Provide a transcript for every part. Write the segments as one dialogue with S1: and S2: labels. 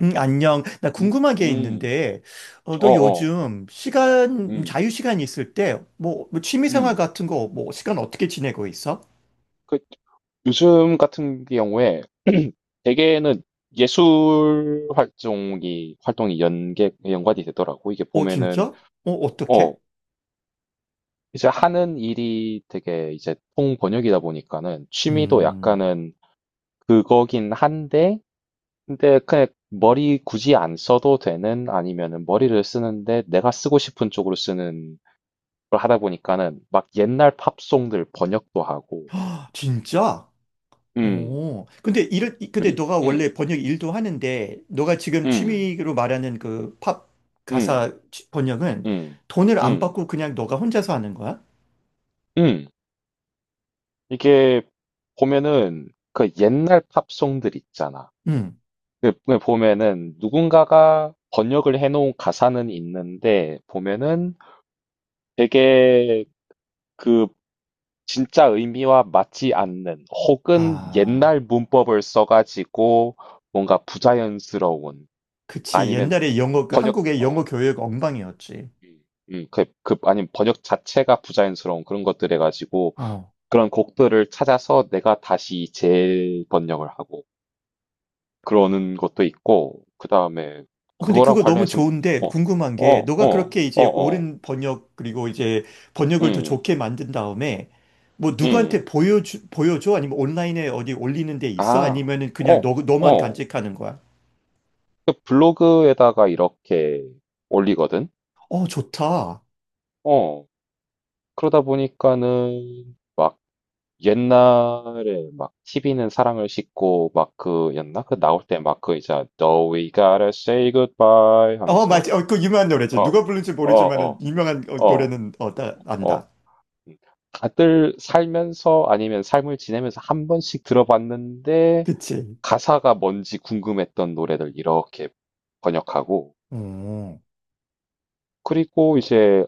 S1: 안녕. 나
S2: 음,
S1: 궁금한 게
S2: 음,
S1: 있는데, 너
S2: 어어,
S1: 요즘 시간,
S2: 음,
S1: 자유 시간 있을 때, 뭐, 뭐 취미 생활
S2: 음.
S1: 같은 거, 뭐, 시간 어떻게 지내고 있어?
S2: 그, 요즘 같은 경우에 대개는 예술 활동이 연계, 연관이 되더라고. 이게
S1: 어,
S2: 보면은,
S1: 진짜? 어,
S2: 어,
S1: 어떻게?
S2: 이제 하는 일이 되게 이제 통번역이다 보니까는 취미도
S1: 음,
S2: 약간은 그거긴 한데, 근데 그냥 머리 굳이 안 써도 되는 아니면은 머리를 쓰는데 내가 쓰고 싶은 쪽으로 쓰는 걸 하다 보니까는 막 옛날 팝송들 번역도 하고,
S1: 진짜?
S2: 음.
S1: 어, 근데 근데
S2: 그리
S1: 너가 원래 번역 일도 하는데, 너가 지금
S2: 음.
S1: 취미로 말하는 그 팝
S2: 음.
S1: 가사 번역은
S2: 음.
S1: 돈을 안
S2: 음.
S1: 받고 그냥 너가 혼자서 하는 거야?
S2: 음. 이게 보면은 그 옛날 팝송들 있잖아.
S1: 음,
S2: 그 보면은 누군가가 번역을 해놓은 가사는 있는데 보면은 되게 그 진짜 의미와 맞지 않는 혹은
S1: 아,
S2: 옛날 문법을 써가지고 뭔가 부자연스러운
S1: 그치.
S2: 아니면
S1: 옛날에 영어, 그
S2: 번역
S1: 한국의 영어 교육 엉망이었지.
S2: 음, 아니면 번역 자체가 부자연스러운 그런 것들 해가지고 그런 곡들을 찾아서 내가 다시 재번역을 하고 그러는 것도 있고, 그 다음에
S1: 어, 근데
S2: 그거랑
S1: 그거 너무
S2: 관련해서,
S1: 좋은데
S2: 어, 어,
S1: 궁금한 게
S2: 어,
S1: 너가
S2: 어,
S1: 그렇게 이제
S2: 어,
S1: 옳은 번역 그리고 이제 번역을 더
S2: 음,
S1: 좋게 만든 다음에 뭐 누구한테
S2: 음,
S1: 보여줘? 아니면 온라인에 어디 올리는 데 있어?
S2: 아,
S1: 아니면은 그냥
S2: 어,
S1: 너만
S2: 어.
S1: 간직하는 거야?
S2: 그 블로그에다가 이렇게 올리거든?
S1: 어, 좋다.
S2: 어. 그러다 보니까는 옛날에 막 TV는 사랑을 싣고 막 그였나? 그 나올 때 막 그 이제 No, we gotta say goodbye
S1: 어,
S2: 하면서
S1: 맞아. 어, 그 유명한 노래지.
S2: 어,
S1: 누가 부른지
S2: 어,
S1: 모르지만은
S2: 어,
S1: 유명한
S2: 어.
S1: 노래는 나
S2: 어,
S1: 안다.
S2: 음. 다들 살면서 아니면 삶을 지내면서 한 번씩 들어봤는데
S1: 그치?
S2: 가사가 뭔지 궁금했던 노래들 이렇게 번역하고
S1: 어,
S2: 그리고 이제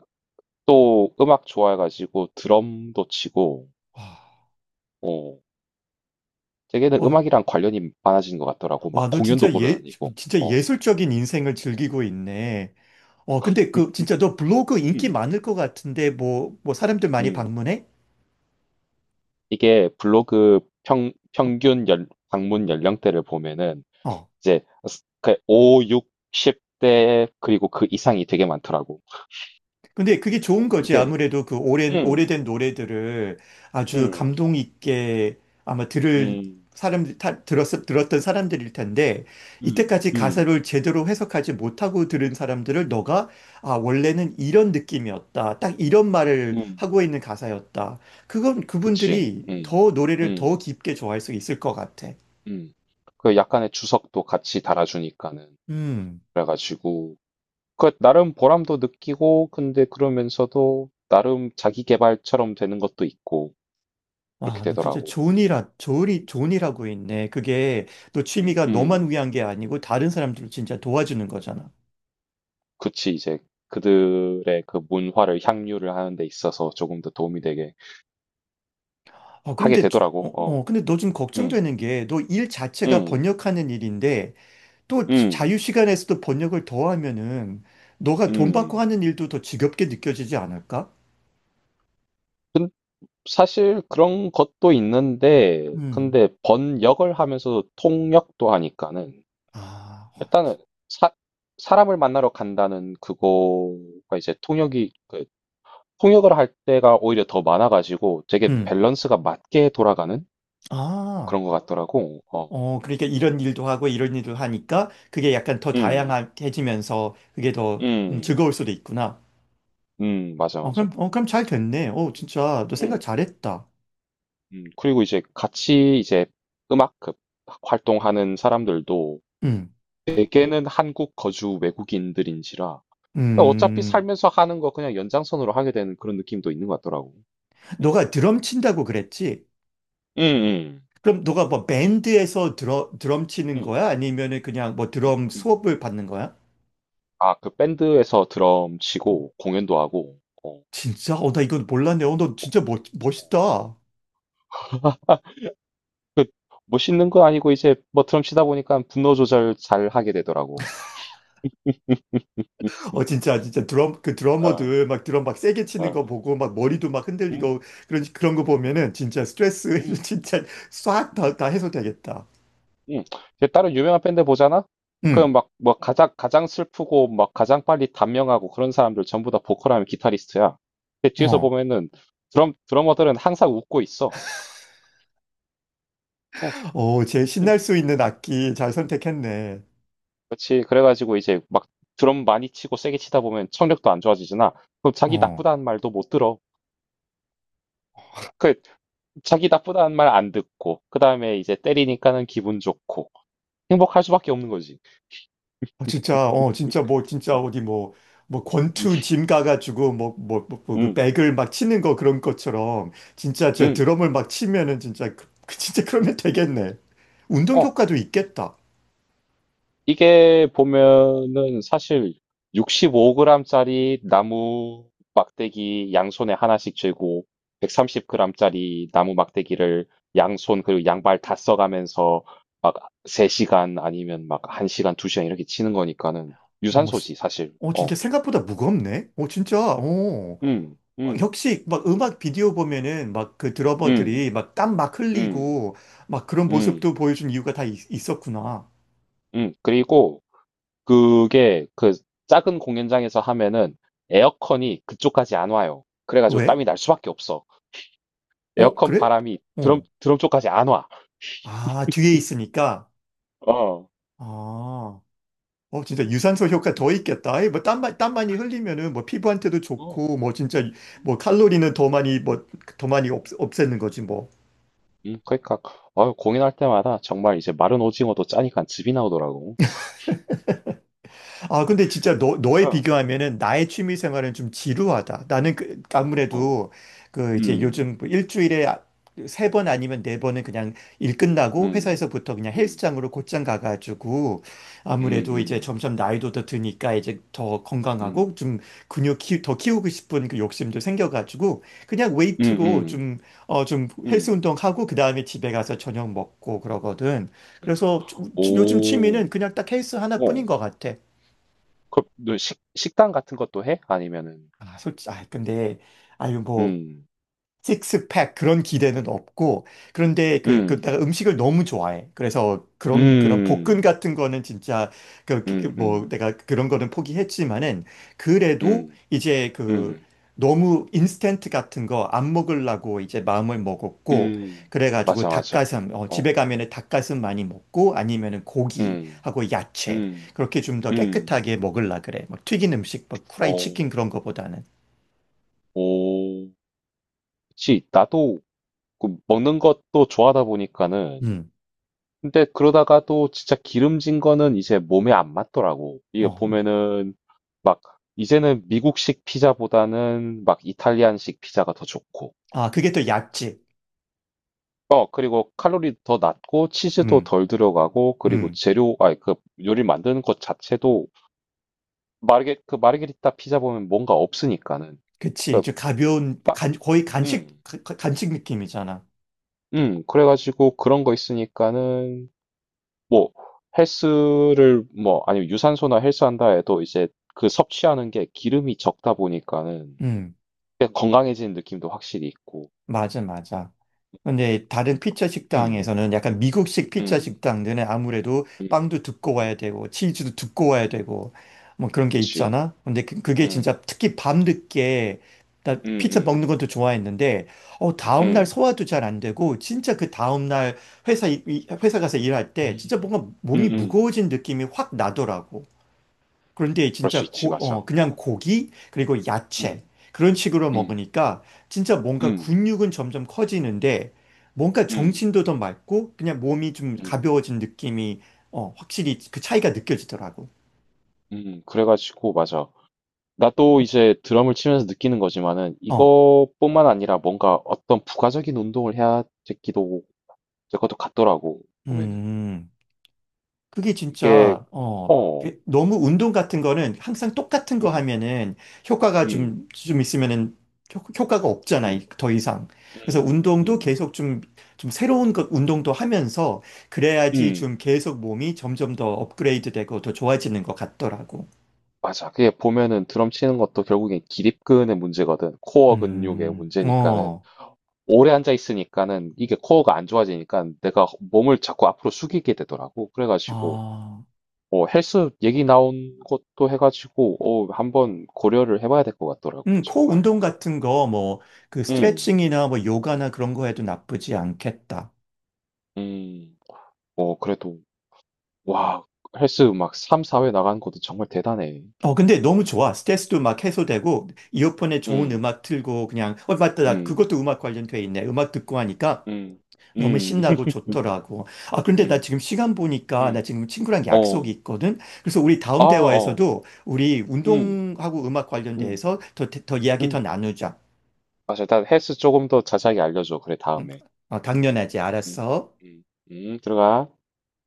S2: 또 음악 좋아해가지고 드럼도 치고
S1: 와,
S2: 어, 되게는
S1: 어,
S2: 음악이랑 관련이 많아진 것 같더라고
S1: 와,
S2: 막
S1: 너
S2: 공연도
S1: 진짜
S2: 보러 다니고
S1: 진짜
S2: 어,
S1: 예술적인 인생을 즐기고 있네. 어, 근데 그 진짜 너 블로그 인기
S2: 음,
S1: 많을 것 같은데 뭐, 뭐 사람들 많이
S2: 음.
S1: 방문해?
S2: 이게 블로그 평균 방문 연령대를 보면은
S1: 어.
S2: 이제 그 5, 6, 0대 그리고 그 이상이 되게 많더라고.
S1: 근데 그게 좋은 거지.
S2: 이게
S1: 아무래도 그 오랜,
S2: 음,
S1: 오래된 노래들을 아주
S2: 음,
S1: 감동 있게 아마 들을
S2: 음,
S1: 사람들, 다, 들었던 사람들일 텐데
S2: 음,
S1: 이때까지
S2: 음,
S1: 가사를 제대로 해석하지 못하고 들은 사람들을 너가 아, 원래는 이런 느낌이었다. 딱 이런 말을
S2: 음,
S1: 하고 있는 가사였다. 그건
S2: 그치,
S1: 그분들이 더 노래를 더
S2: 음,
S1: 깊게 좋아할 수 있을 것 같아.
S2: 음. 그 약간의 주석도 같이 달아주니까는.
S1: 음.
S2: 그래가지고, 그 나름 보람도 느끼고, 근데 그러면서도 나름 자기 개발처럼 되는 것도 있고, 그렇게
S1: 아, 너 진짜
S2: 되더라고.
S1: 좋은 일, 하- 좋은 일, 좋은 일 하고 있네. 그게 너
S2: 음,
S1: 취미가 너만
S2: 음.
S1: 위한 게 아니고 다른 사람들을 진짜 도와주는 거잖아.
S2: 그치, 이제 그들의 그 문화를 향유를 하는 데 있어서 조금 더 도움이 되게
S1: 아,
S2: 하게
S1: 그런데,
S2: 되더라고. 어,
S1: 근데 너 좀
S2: 음,
S1: 걱정되는 게 너 일 자체가
S2: 음,
S1: 번역하는 일인데 또
S2: 음,
S1: 자유 시간에서도 번역을 더 하면은 너가 돈 받고
S2: 음.
S1: 하는 일도 더 지겹게 느껴지지 않을까?
S2: 사실 그런 것도 있는데,
S1: 음.
S2: 근데 번역을 하면서 통역도 하니까는,
S1: 아,
S2: 일단은 사, 사람을 만나러 간다는 그거가 이제 통역이, 그 통역을 할 때가 오히려 더 많아가지고 되게
S1: 음.
S2: 밸런스가 맞게 돌아가는
S1: 아.
S2: 그런 것 같더라고. 어,
S1: 어, 그러니까 이런 일도 하고 이런 일도 하니까 그게 약간 더
S2: 음,
S1: 다양해지면서 그게 더
S2: 음,
S1: 즐거울 수도 있구나.
S2: 맞아,
S1: 어,
S2: 맞아.
S1: 그럼, 어, 그럼 잘 됐네. 어, 진짜, 너 생각
S2: 음,
S1: 잘했다.
S2: 그리고 이제 같이 이제 음악 그 활동하는 사람들도
S1: 음,
S2: 대개는 한국 거주 외국인들인지라 그러니까 어차피
S1: 음.
S2: 살면서 하는 거 그냥 연장선으로 하게 되는 그런 느낌도 있는 것 같더라고. 예.
S1: 너가 드럼 친다고 그랬지?
S2: 음, 음,
S1: 그럼 너가 뭐 밴드에서 드럼 치는
S2: 음,
S1: 거야? 아니면은 그냥 뭐
S2: 음,
S1: 드럼
S2: 음.
S1: 수업을 받는 거야?
S2: 아, 그 밴드에서 드럼 치고 공연도 하고, 어,
S1: 진짜? 어, 나 이건 몰랐네. 어, 너 진짜
S2: 어.
S1: 멋있다.
S2: 그 멋있는 건 아니고 이제 뭐 드럼 치다 보니까 분노 조절 잘 하게 되더라고.
S1: 어, 진짜, 진짜 드럼, 그
S2: 어,
S1: 드러머들 막 드럼 막 세게 치는
S2: 어,
S1: 거 보고 막 머리도 막
S2: 음,
S1: 흔들리고 그런 거 보면은 진짜 스트레스
S2: 음,
S1: 진짜 싹
S2: 음,
S1: 다 해소되겠다.
S2: 음. 이제 다른 유명한 밴드 보잖아? 그럼
S1: 음.
S2: 막, 뭐, 가장, 가장 슬프고, 막, 가장 빨리 단명하고 그런 사람들 전부 다 보컬하면 기타리스트야. 근데 뒤에서
S1: 어,
S2: 보면은 드러머들은 항상 웃고 있어. 어,
S1: 제일 신날 수 있는 악기 잘 선택했네.
S2: 그렇지. 그래가지고 이제 막 드럼 많이 치고 세게 치다 보면 청력도 안 좋아지잖아. 그럼 자기
S1: 어,
S2: 나쁘다는 말도 못 들어. 그 자기 나쁘다는 말 안 듣고 그 다음에 이제 때리니까는 기분 좋고 행복할 수밖에 없는 거지.
S1: 진짜, 진짜 뭐, 진짜 어디 뭐, 뭐 권투 짐 가가지고 뭐 그
S2: 음,
S1: 백을 막 치는 거 그런 것처럼 진짜 저
S2: 음,
S1: 드럼을 막 치면은 진짜, 그 진짜
S2: 음.
S1: 그러면 되겠네. 운동
S2: 어.
S1: 효과도 있겠다.
S2: 이게 보면은 사실 65g짜리 나무 막대기 양손에 하나씩 쥐고 130g짜리 나무 막대기를 양손 그리고 양발 다 써가면서 막 3시간 아니면 막 1시간, 2시간 이렇게 치는 거니까는
S1: 어, 스-
S2: 유산소지 사실.
S1: 어, 진짜
S2: 어.
S1: 생각보다 무겁네. 어, 진짜, 어.
S2: 음.
S1: 어,
S2: 음.
S1: 역시 막 음악 비디오 보면은 막 그 드러머들이
S2: 음.
S1: 막 땀 막
S2: 음.
S1: 흘리고 막 그런
S2: 음.
S1: 모습도 보여준 이유가 다 있었구나.
S2: 음. 그리고 그게 그 작은 공연장에서 하면은 에어컨이 그쪽까지 안 와요. 그래가지고
S1: 왜?
S2: 땀이 날 수밖에 없어.
S1: 어,
S2: 에어컨
S1: 그래?
S2: 바람이 드럼,
S1: 어.
S2: 드럼 쪽까지 안 와.
S1: 아, 뒤에 있으니까.
S2: 어.
S1: 아. 어, 진짜 유산소 효과 더 있겠다. 아이, 뭐, 땀, 땀 많이 흘리면은, 뭐, 피부한테도
S2: 어.
S1: 좋고, 뭐, 진짜,
S2: 음,
S1: 뭐, 칼로리는
S2: 음,
S1: 더 많이, 뭐, 더 많이
S2: 음.
S1: 없애는 거지, 뭐.
S2: 그러니까 공연할 때마다 정말 이제 마른 오징어도 짜니까 즙이 나오더라고.
S1: 아, 근데 진짜 너에
S2: 어.
S1: 비교하면은 나의 취미 생활은 좀
S2: 음,
S1: 지루하다. 나는
S2: 음.
S1: 그,
S2: 어.
S1: 아무래도 그 이제
S2: 음.
S1: 요즘 뭐 일주일에 아, 세번 아니면 네 번은 그냥 일 끝나고
S2: 음.
S1: 회사에서부터 그냥
S2: 음.
S1: 헬스장으로 곧장 가가지고 아무래도 이제
S2: 음.
S1: 점점 나이도 더 드니까 이제 더
S2: 음.
S1: 건강하고
S2: 음.
S1: 좀 근육 더 키우고 싶은 그 욕심도 생겨가지고 그냥 웨이트로
S2: 음.
S1: 좀 헬스
S2: 음.
S1: 운동하고 그 다음에 집에 가서 저녁 먹고 그러거든.
S2: 음.
S1: 그래서 요즘
S2: 오.
S1: 취미는 그냥 딱 헬스 하나뿐인
S2: 어.
S1: 것 같아.
S2: 너 식당 같은 것도 해? 아니면은
S1: 아, 솔직히, 아, 근데, 아유, 뭐,
S2: 음.
S1: 식스팩 그런 기대는 없고, 그런데
S2: 음.
S1: 내가 음식을 너무 좋아해. 그래서 그런 볶음
S2: 음.
S1: 같은 거는 진짜,
S2: 음.
S1: 뭐,
S2: 음.
S1: 내가 그런 거는 포기했지만은, 그래도
S2: 음.
S1: 이제 그,
S2: 음.
S1: 너무 인스턴트 같은 거 안 먹으려고 이제 마음을 먹었고,
S2: 음.
S1: 그래가지고
S2: 맞아, 맞아.
S1: 닭가슴, 어, 집에
S2: 어.
S1: 가면은 닭가슴 많이 먹고, 아니면은
S2: 음.
S1: 고기하고 야채,
S2: 음.
S1: 그렇게 좀 더
S2: 음.
S1: 깨끗하게 먹으려 그래. 막 튀긴 음식, 막 후라이
S2: 어.
S1: 치킨 그런 거보다는.
S2: 오. 그치. 나도 그 먹는 것도 좋아하다 보니까는
S1: 음.
S2: 근데 그러다가 또 진짜 기름진 거는 이제 몸에 안 맞더라고. 이게
S1: 어. 음.
S2: 보면은 막 이제는 미국식 피자보다는 막 이탈리안식 피자가 더 좋고.
S1: 아, 그게 또 약지.
S2: 어, 그리고 칼로리 더 낮고 치즈도
S1: 음,
S2: 덜 들어가고 그리고
S1: 음,
S2: 아니 그 요리 만드는 것 자체도 마르게리타 피자 보면 뭔가 없으니까는
S1: 그치.
S2: 그
S1: 좀 가벼운, 뭐 거의 간식,
S2: 음.
S1: 간식 느낌이잖아.
S2: 그래가지고 그런 거 있으니까는 뭐 헬스를 뭐 아니면 유산소나 헬스 한다 해도 이제 그 섭취하는 게 기름이 적다 보니까는
S1: 음.
S2: 꽤 건강해지는 느낌도 확실히 있고
S1: 맞아, 맞아. 근데 다른 피자
S2: 음,
S1: 식당에서는 약간 미국식 피자
S2: 음,
S1: 식당들은 아무래도
S2: 음,
S1: 빵도 두꺼워야
S2: 음,
S1: 되고 치즈도 두꺼워야 되고 뭐 그런 게
S2: 그치
S1: 있잖아. 근데 그게
S2: 음,
S1: 진짜 특히 밤늦게 나
S2: 음,
S1: 피자 먹는
S2: 음,
S1: 것도 좋아했는데 다음날
S2: 음,
S1: 소화도 잘 안 되고 진짜 그 다음날 회사 회사 가서 일할 때 진짜 뭔가
S2: 음,
S1: 몸이
S2: 음,
S1: 무거워진 느낌이 확 나더라고. 그런데
S2: 그럴 수
S1: 진짜
S2: 있지 맞아
S1: 그냥
S2: 어,
S1: 고기, 그리고 야채,
S2: 음,
S1: 그런 식으로
S2: 음,
S1: 먹으니까 진짜 뭔가
S2: 음,
S1: 근육은 점점 커지는데 뭔가
S2: 음,
S1: 정신도 더 맑고 그냥 몸이 좀
S2: 음,
S1: 가벼워진 느낌이 어, 확실히 그 차이가 느껴지더라고.
S2: 그래가지고 맞아 나도 이제 드럼을 치면서 느끼는 거지만은
S1: 어,
S2: 이것뿐만 아니라 뭔가 어떤 부가적인 운동을 해야 되기도 될 것도 같더라고 보면은
S1: 음. 그게
S2: 이게
S1: 진짜,
S2: 어,
S1: 너무 운동 같은 거는 항상 똑같은 거
S2: 음,
S1: 하면은 효과가
S2: 음,
S1: 좀 있으면은 효과가 없잖아,
S2: 음,
S1: 더 이상. 그래서
S2: 음,
S1: 운동도
S2: 음,
S1: 계속 좀 새로운 것, 운동도 하면서 그래야지
S2: 음,
S1: 좀 계속 몸이 점점 더
S2: 음.
S1: 업그레이드 되고 더 좋아지는 것 같더라고.
S2: 맞아. 그게 보면은 드럼 치는 것도 결국엔 기립근의 문제거든. 코어 근육의
S1: 음,
S2: 문제니까는
S1: 어,
S2: 오래 앉아 있으니까는 이게 코어가 안 좋아지니까 내가 몸을 자꾸 앞으로 숙이게 되더라고. 그래가지고
S1: 아,
S2: 헬스 얘기 나온 것도 해가지고, 한번 고려를 해봐야 될 것 같더라고,
S1: 코
S2: 정말.
S1: 운동 같은 거, 뭐, 그
S2: 음,
S1: 스트레칭이나 뭐 요가나 그런 거 해도 나쁘지 않겠다.
S2: 음, 어, 그래도, 와, 헬스 막 3, 4회 나가는 것도 정말 대단해.
S1: 어, 근데 너무 좋아. 스트레스도 막 해소되고, 이어폰에 좋은
S2: 음,
S1: 음악 틀고, 그냥, 어, 맞다. 나
S2: 음,
S1: 그것도 음악 관련돼 있네. 음악 듣고 하니까
S2: 음,
S1: 너무
S2: 음,
S1: 신나고 좋더라고. 아, 그런데 나
S2: 음,
S1: 지금 시간 보니까, 나
S2: 음,
S1: 지금 친구랑 약속이
S2: 어,
S1: 있거든? 그래서 우리
S2: 아,
S1: 다음
S2: 어,
S1: 대화에서도 우리
S2: 음,
S1: 운동하고 음악
S2: 음,
S1: 관련돼서 더 이야기 더
S2: 음.
S1: 나누자.
S2: 맞아, 일단 헬스 조금 더 자세하게 알려줘, 그래,
S1: 응?
S2: 다음에.
S1: 어, 당연하지.
S2: 음,
S1: 알았어.
S2: 음, 들어가.